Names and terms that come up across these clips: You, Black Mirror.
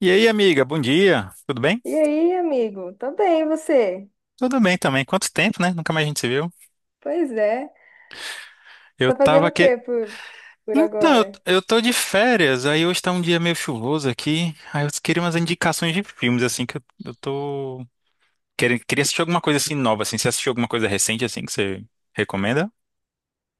E aí, amiga, bom dia. Tudo bem? E aí, amigo? Tô bem, e você? Tudo bem também. Quanto tempo, né? Nunca mais a gente se viu. Pois é. Eu Tá tava fazendo o aqui. quê por Então, eu, agora? eu tô de férias, aí hoje tá um dia meio chuvoso aqui. Aí eu queria umas indicações de filmes, assim, que eu tô. Queria assistir alguma coisa assim nova, assim. Você assistiu alguma coisa recente, assim, que você recomenda?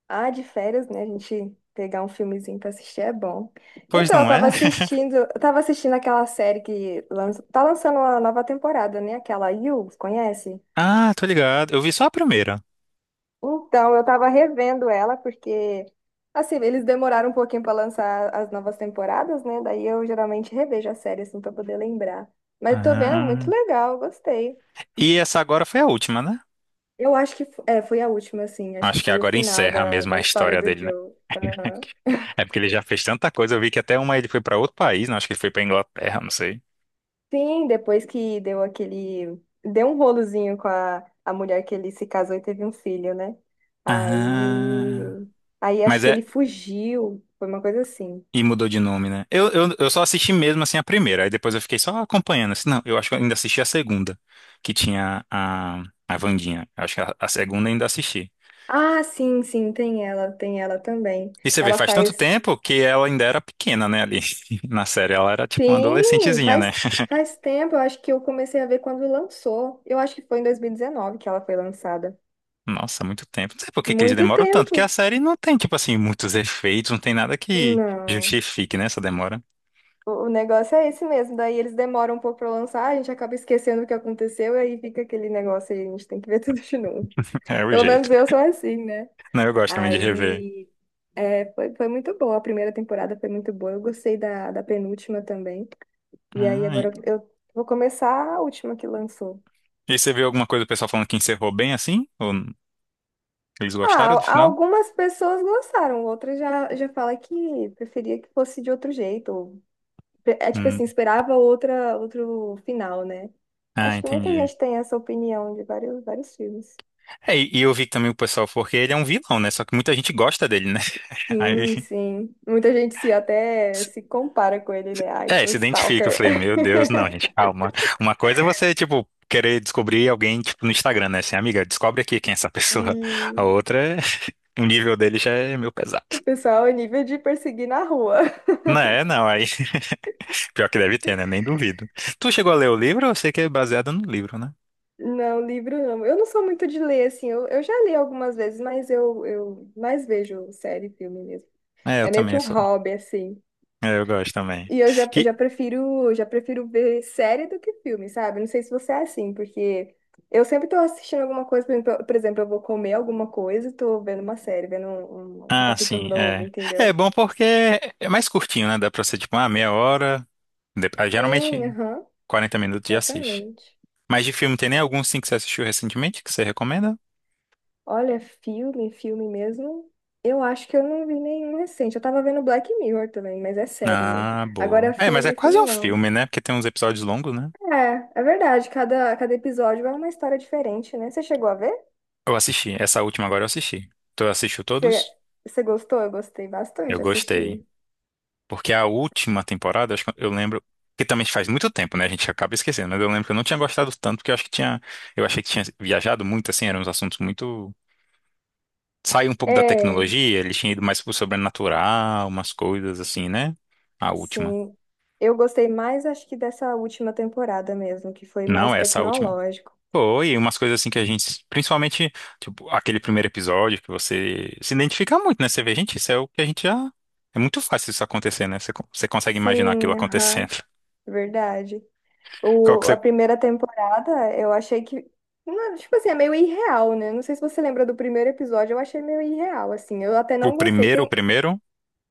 Ah, de férias, né? A gente pegar um filmezinho pra assistir é bom. Pois Então, eu não é? tava assistindo, eu tava assistindo aquela série que lança, tá lançando uma nova temporada, né? Aquela You, conhece? Ah, tô ligado. Eu vi só a primeira. Então, eu tava revendo ela porque assim, eles demoraram um pouquinho pra lançar as novas temporadas, né? Daí eu geralmente revejo a série assim para poder lembrar. Mas eu tô vendo, é muito Ah. legal, eu gostei. E essa agora foi a última, né? Eu acho que é, foi a última, assim. Acho que Acho que foi o agora final encerra da, mesmo da a história história do dele, né? Joe. Aham. É porque ele já fez tanta coisa. Eu vi que até uma ele foi pra outro país, né? Acho que ele foi pra Inglaterra, não sei. Sim, depois que deu aquele. Deu um rolozinho com a mulher que ele se casou e teve um filho, né? Ah, Aí. Aí acho mas que ele é. fugiu. Foi uma coisa assim. E mudou de nome, né? Eu só assisti mesmo assim a primeira, aí depois eu fiquei só acompanhando. Assim, não, eu acho que eu ainda assisti a segunda, que tinha a Wandinha. Eu acho que a segunda eu ainda assisti. Ah, sim, sim, tem ela também. E você vê, Ela faz tanto faz. tempo que ela ainda era pequena, né, ali na série. Ela era tipo uma Sim, adolescentezinha, né? faz, faz tempo. Eu acho que eu comecei a ver quando lançou. Eu acho que foi em 2019 que ela foi lançada. Nossa, muito tempo. Não sei por que que eles Muito demoram tanto, porque a tempo. série não tem, tipo assim, muitos efeitos, não tem nada que Não. justifique, né, essa demora. o negócio é esse mesmo, daí eles demoram um pouco pra lançar, a gente acaba esquecendo o que aconteceu, e aí fica aquele negócio aí, a gente tem que ver tudo de novo. É o Pelo menos jeito. eu sou assim, né? Não, eu gosto também de rever. Aí é, foi, foi muito boa, a primeira temporada foi muito boa, eu gostei da, da penúltima também. E aí Ah, agora eu vou começar a última que lançou. e aí você viu alguma coisa do pessoal falando que encerrou bem assim? Ou eles Ah, gostaram do final? algumas pessoas gostaram, outras já, já fala que preferia que fosse de outro jeito, é tipo Hum. assim, esperava outra, outro final, né? Ah, Acho que muita entendi. gente tem essa opinião de vários, vários filmes. É, e eu vi também o pessoal, porque ele é um vilão, né? Só que muita gente gosta dele, né? Aí, Sim, sim. Muita gente se até se compara com ele, né? Ai, é, sou se identifica. Eu stalker. falei, meu Deus, não, gente, calma. Uma coisa é você, tipo, querer descobrir alguém, tipo, no Instagram, né? Assim, amiga, descobre aqui quem é essa E pessoa. A outra, o nível dele já é meio pesado. o pessoal é nível de perseguir na rua. Não é, não, aí, pior que deve ter, né? Nem duvido. Tu chegou a ler o livro? Eu sei que é baseado no livro, né? Não, livro não. Eu não sou muito de ler, assim. Eu já li algumas vezes, mas eu mais vejo série e filme mesmo. É, eu É meio que também um sou. hobby, assim. É, eu gosto também. E eu já, eu Que já prefiro, já prefiro ver série do que filme, sabe? Não sei se você é assim, porque eu sempre tô assistindo alguma coisa, por exemplo, eu vou comer alguma coisa e tô vendo uma série, vendo um ah, capítulo sim, novo, é. É entendeu? bom porque é mais curtinho, né? Dá pra ser tipo uma meia hora. Sim, Geralmente aham, 40 minutos já assiste. exatamente. Mas de filme, tem nem algum sim que você assistiu recentemente que você recomenda? Olha, filme, filme mesmo. Eu acho que eu não vi nenhum recente. Eu tava vendo Black Mirror também, mas é série, né? Ah, boa. Agora É, mas é filme, quase um filme não. filme, né? Porque tem uns episódios longos, né? É, é verdade, cada, cada episódio é uma história diferente, né? Você chegou a ver? Eu assisti. Essa última agora eu assisti. Tu assistiu Você todos? você gostou? Eu gostei Eu bastante, gostei. assisti. Porque a última temporada, acho que eu lembro. Que também faz muito tempo, né? A gente acaba esquecendo. Mas eu lembro que eu não tinha gostado tanto, porque eu acho que tinha. Eu achei que tinha viajado muito, assim, eram uns assuntos muito. Saiu um pouco da É, tecnologia, ele tinha ido mais pro sobrenatural, umas coisas assim, né? A última. sim. Eu gostei mais, acho que dessa última temporada mesmo, que foi mais Não, essa última. tecnológico. Foi, umas coisas assim que a gente, principalmente, tipo, aquele primeiro episódio que você se identifica muito, né? Você vê, gente, isso é o que a gente já. É muito fácil isso acontecer, né? Você, você consegue imaginar aquilo Sim, aham, acontecendo. verdade. Qual que O, a você... primeira temporada, eu achei que, não, tipo assim, é meio irreal, né? Não sei se você lembra do primeiro episódio, eu achei meio irreal, assim. Eu até O não gostei. primeiro, o Tem, primeiro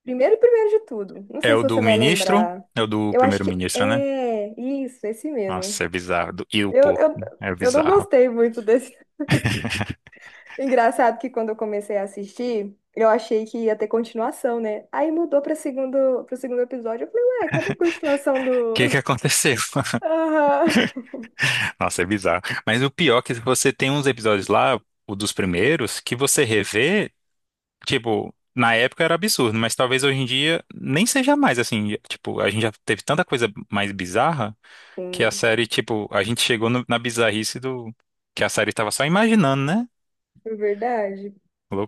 primeiro, primeiro de tudo. Não é sei se o do você vai ministro, lembrar. é o do Eu acho que primeiro-ministro, né? é isso, esse Nossa, mesmo. é bizarro. Do- E o Eu, porco, eu, é eu não bizarro. O gostei muito desse. Engraçado que quando eu comecei a assistir, eu achei que ia ter continuação, né? Aí mudou para segundo episódio. Eu falei, ué, cadê a continuação que do. que aconteceu? Aham. Nossa, é bizarro. Mas o pior é que você tem uns episódios lá, o dos primeiros, que você revê, tipo, na época era absurdo, mas talvez hoje em dia nem seja mais assim. Tipo, a gente já teve tanta coisa mais bizarra que a Sim, série, tipo, a gente chegou na bizarrice do que a série tava só imaginando, né? é verdade.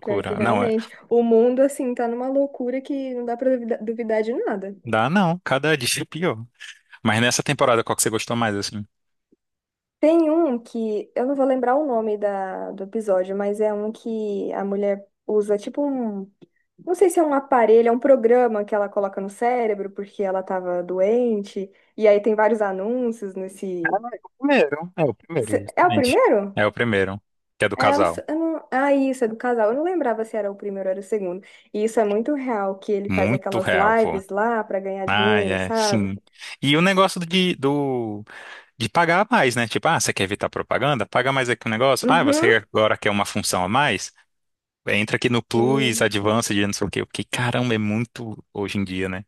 Pior que Não, é, realmente. O mundo, assim, tá numa loucura que não dá pra duvidar de nada. dá não, cada dia é pior. Mas nessa temporada, qual que você gostou mais, assim? Tem um que, eu não vou lembrar o nome da, do episódio, mas é um que a mulher usa tipo um. Não sei se é um aparelho, é um programa que ela coloca no cérebro porque ela tava doente. E aí tem vários anúncios nesse. O primeiro, É o justamente. primeiro? É o primeiro, que é do É, eu não, casal. sei- eu não- ah, isso, é do casal. Eu não lembrava se era o primeiro ou era o segundo. E isso é muito real, que ele faz Muito aquelas real, pô. lives lá pra ganhar Ai, dinheiro, é, sabe? sim. E o negócio de pagar mais, né? Tipo, ah, você quer evitar propaganda? Paga mais aqui o negócio. Ah, você Uhum. agora quer uma função a mais? Entra aqui no Plus, Hum. Advanced, não sei o quê. Porque, caramba, é muito hoje em dia, né?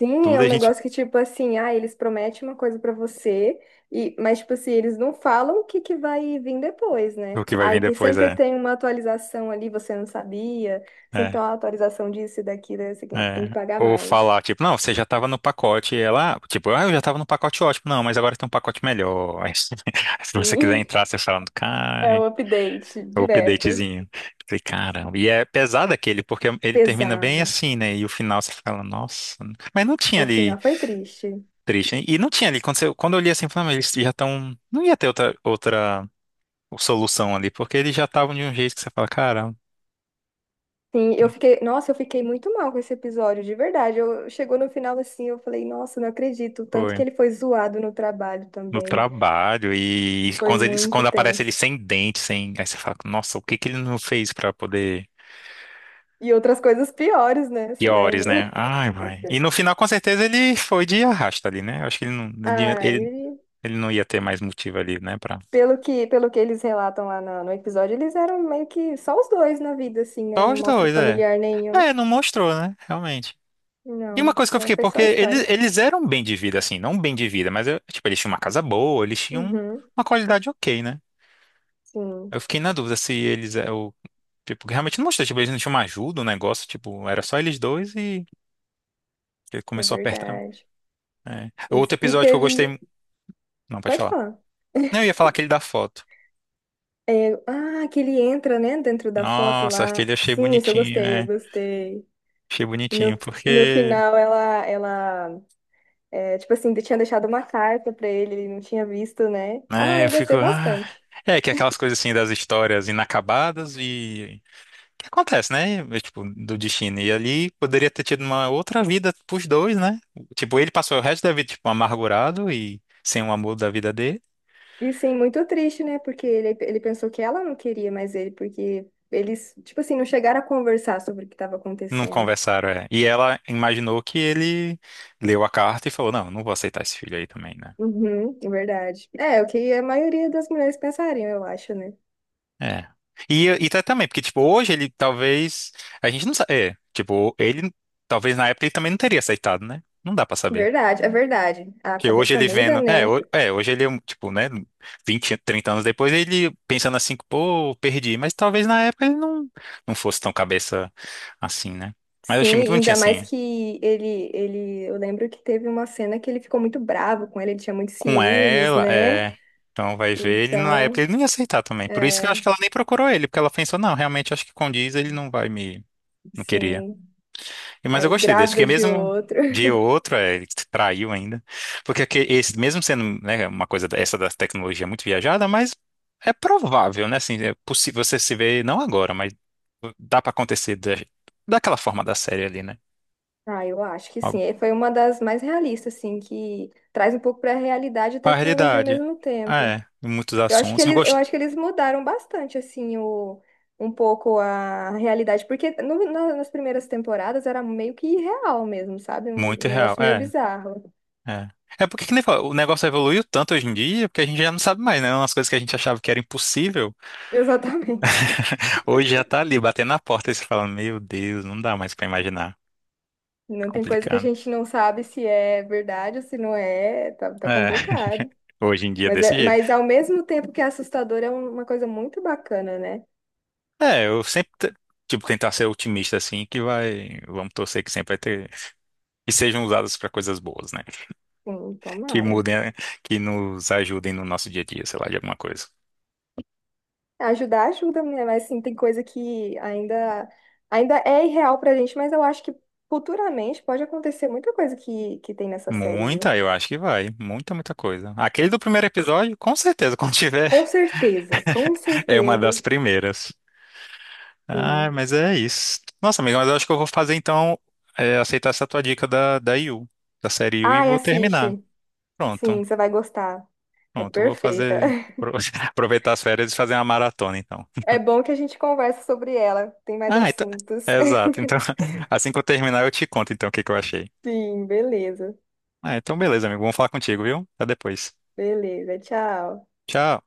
Sim, Tudo é a um gente... negócio que, tipo assim, ah, eles prometem uma coisa pra você, e, mas, tipo assim, eles não falam o que que vai vir depois, né? O que vai Aí vir tem, depois sempre é... tem uma atualização ali, você não sabia, sempre tem É, uma atualização disso e daquilo, aí você tem é. que pagar Ou mais. falar, tipo, não, você já tava no pacote. E ela, ah, tipo, ah, eu já tava no pacote ótimo. Não, mas agora tem um pacote melhor. Se você quiser Sim, entrar, você fala, é cara... um update O direto. updatezinho. Falei, caramba. E é pesado aquele, porque ele termina bem Pesado. assim, né? E o final você fala, nossa. Mas não tinha O final ali foi triste. triste, hein? E não tinha ali. Quando, quando eu li assim, eu falei, "Ah, mas eles já estão. Não ia ter outra solução ali, porque eles já estavam de um jeito que você fala, caramba, Sim, eu fiquei, nossa, eu fiquei muito mal com esse episódio, de verdade. Eu chegou no final assim, eu falei, nossa, não acredito, o tanto que foi. ele foi zoado no trabalho No também. trabalho. E Foi quando, eles, muito quando aparece ele tenso. sem dente, sem. Aí você fala, nossa, o que que ele não fez pra poder. E outras coisas piores, né? Você Piores, lembra? né? Ai, vai. E no final, com certeza, ele foi de arrasta ali, né? Eu acho que ele não. Ah, Ele, e Ele não ia ter mais motivo ali, né, pra... pelo que eles relatam lá no, no episódio, eles eram meio que só os dois na vida, assim, né? Só Não os mostra dois, é. familiar nenhum. É, não mostrou, né, realmente. E uma Não, coisa que eu é, fiquei, foi porque só história. eles eram bem de vida, assim, não bem de vida, mas, tipo, eles tinham uma casa boa, eles tinham Uhum, uma qualidade ok, né? sim, Eu fiquei na dúvida se eles, é, o tipo, realmente não mostrou, tipo, eles não tinham uma ajuda, o negócio, tipo, era só eles dois e ele é começou a apertar. verdade. É. Outro Eles- E episódio que eu teve. gostei... Não, pode Pode falar. falar. Não, eu ia falar aquele da foto. É, ah, que ele entra, né, dentro da foto Nossa, lá. aquele eu achei Sim, esse eu bonitinho, gostei, eu é. gostei. Achei bonitinho, No, no porque... final, ela, é, tipo assim, tinha deixado uma carta pra ele, ele não tinha visto, né? Ah, É, eu eu fico. gostei Ah. bastante. É, que é aquelas coisas assim das histórias inacabadas e. Que acontece, né? É, tipo, do destino. E ali poderia ter tido uma outra vida pros dois, né? Tipo, ele passou o resto da vida, tipo, amargurado e sem o amor da vida dele. E sim, muito triste, né? Porque ele pensou que ela não queria mais ele, porque eles, tipo assim, não chegaram a conversar sobre o que estava Não acontecendo. conversaram, é. E ela imaginou que ele leu a carta e falou: Não, vou aceitar esse filho aí também, né? Uhum, é verdade. É, o que a maioria das mulheres pensariam, eu acho, né? É. E, e tá também, porque, tipo, hoje ele talvez. A gente não sabe. É, tipo, ele. Talvez na época ele também não teria aceitado, né? Não dá pra saber. Verdade, é verdade. A Que hoje cabeça ele muda, vendo. É, né? Hoje ele, é um, tipo, né? 20, 30 anos depois, ele pensando assim, pô, perdi. Mas talvez na época ele não fosse tão cabeça assim, né? Mas eu Sim, achei muito bonitinho ainda mais assim. que ele, eu lembro que teve uma cena que ele ficou muito bravo com ele, ele tinha muitos Com ciúmes, ela, né? é. Então vai ver, ele na época Então, ele não ia aceitar também. Por isso que eu é, acho que ela nem procurou ele, porque ela pensou, não, realmente acho que condiz, ele não vai me. Não queria. sim, Mas eu aí gostei desse, grávida porque de mesmo outro. dia ou outro, é, ele traiu ainda. Porque esse, mesmo sendo, né, uma coisa essa da tecnologia muito viajada, mas é provável, né? Assim, é possível você se ver, não agora, mas dá pra acontecer daquela forma da série ali, né? Ah, eu acho que sim. Algo. E foi uma das mais realistas, assim, que traz um pouco para a realidade e A tecnologia ao realidade. mesmo tempo. É, muitos Eu acho que assuntos. Eu eles, eu gosto acho que eles mudaram bastante, assim, o, um pouco a realidade, porque nas primeiras temporadas era meio que irreal mesmo, sabe? Um muito real. negócio meio É, bizarro. é. É porque que nem fala, o negócio evoluiu tanto hoje em dia, porque a gente já não sabe mais, né? Umas coisas que a gente achava que era impossível, Exatamente. hoje já tá ali batendo na porta e você fala, meu Deus, não dá mais pra imaginar. Não tem coisa que a Complicado. gente não sabe se é verdade ou se não é, tá, tá É, complicado. hoje em dia é Mas, desse é, jeito. mas ao mesmo tempo que é assustador, é uma coisa muito bacana, né? É, tipo, tentar ser otimista, assim, que vai, vamos torcer que sempre vai ter, que sejam usadas para coisas boas, né? Sim, Que tomara. mudem, que nos ajudem no nosso dia a dia, sei lá, de alguma coisa. Ajudar ajuda, né? Mas assim, tem coisa que ainda, ainda é irreal pra gente, mas eu acho que futuramente pode acontecer muita coisa que tem nessa série, viu? Muita, eu acho que vai. Muita coisa. Aquele do primeiro episódio, com certeza, quando tiver, Com certeza, com é uma certeza. das primeiras. Ah, Sim. mas é isso. Nossa, amiga, mas eu acho que eu vou fazer, então, aceitar essa tua dica da Yu, da série Yu, e Ai, vou terminar. assiste. Pronto. Sim, você vai gostar. É Pronto, eu vou perfeita. fazer. Aproveitar as férias e fazer uma maratona, então. É bom que a gente conversa sobre ela. Tem mais Ah, então. assuntos. Exato. Então, assim que eu terminar, eu te conto, então, o que que eu achei. Sim, beleza. Ah, então, beleza, amigo. Vamos falar contigo, viu? Até depois. Beleza, tchau. Tchau.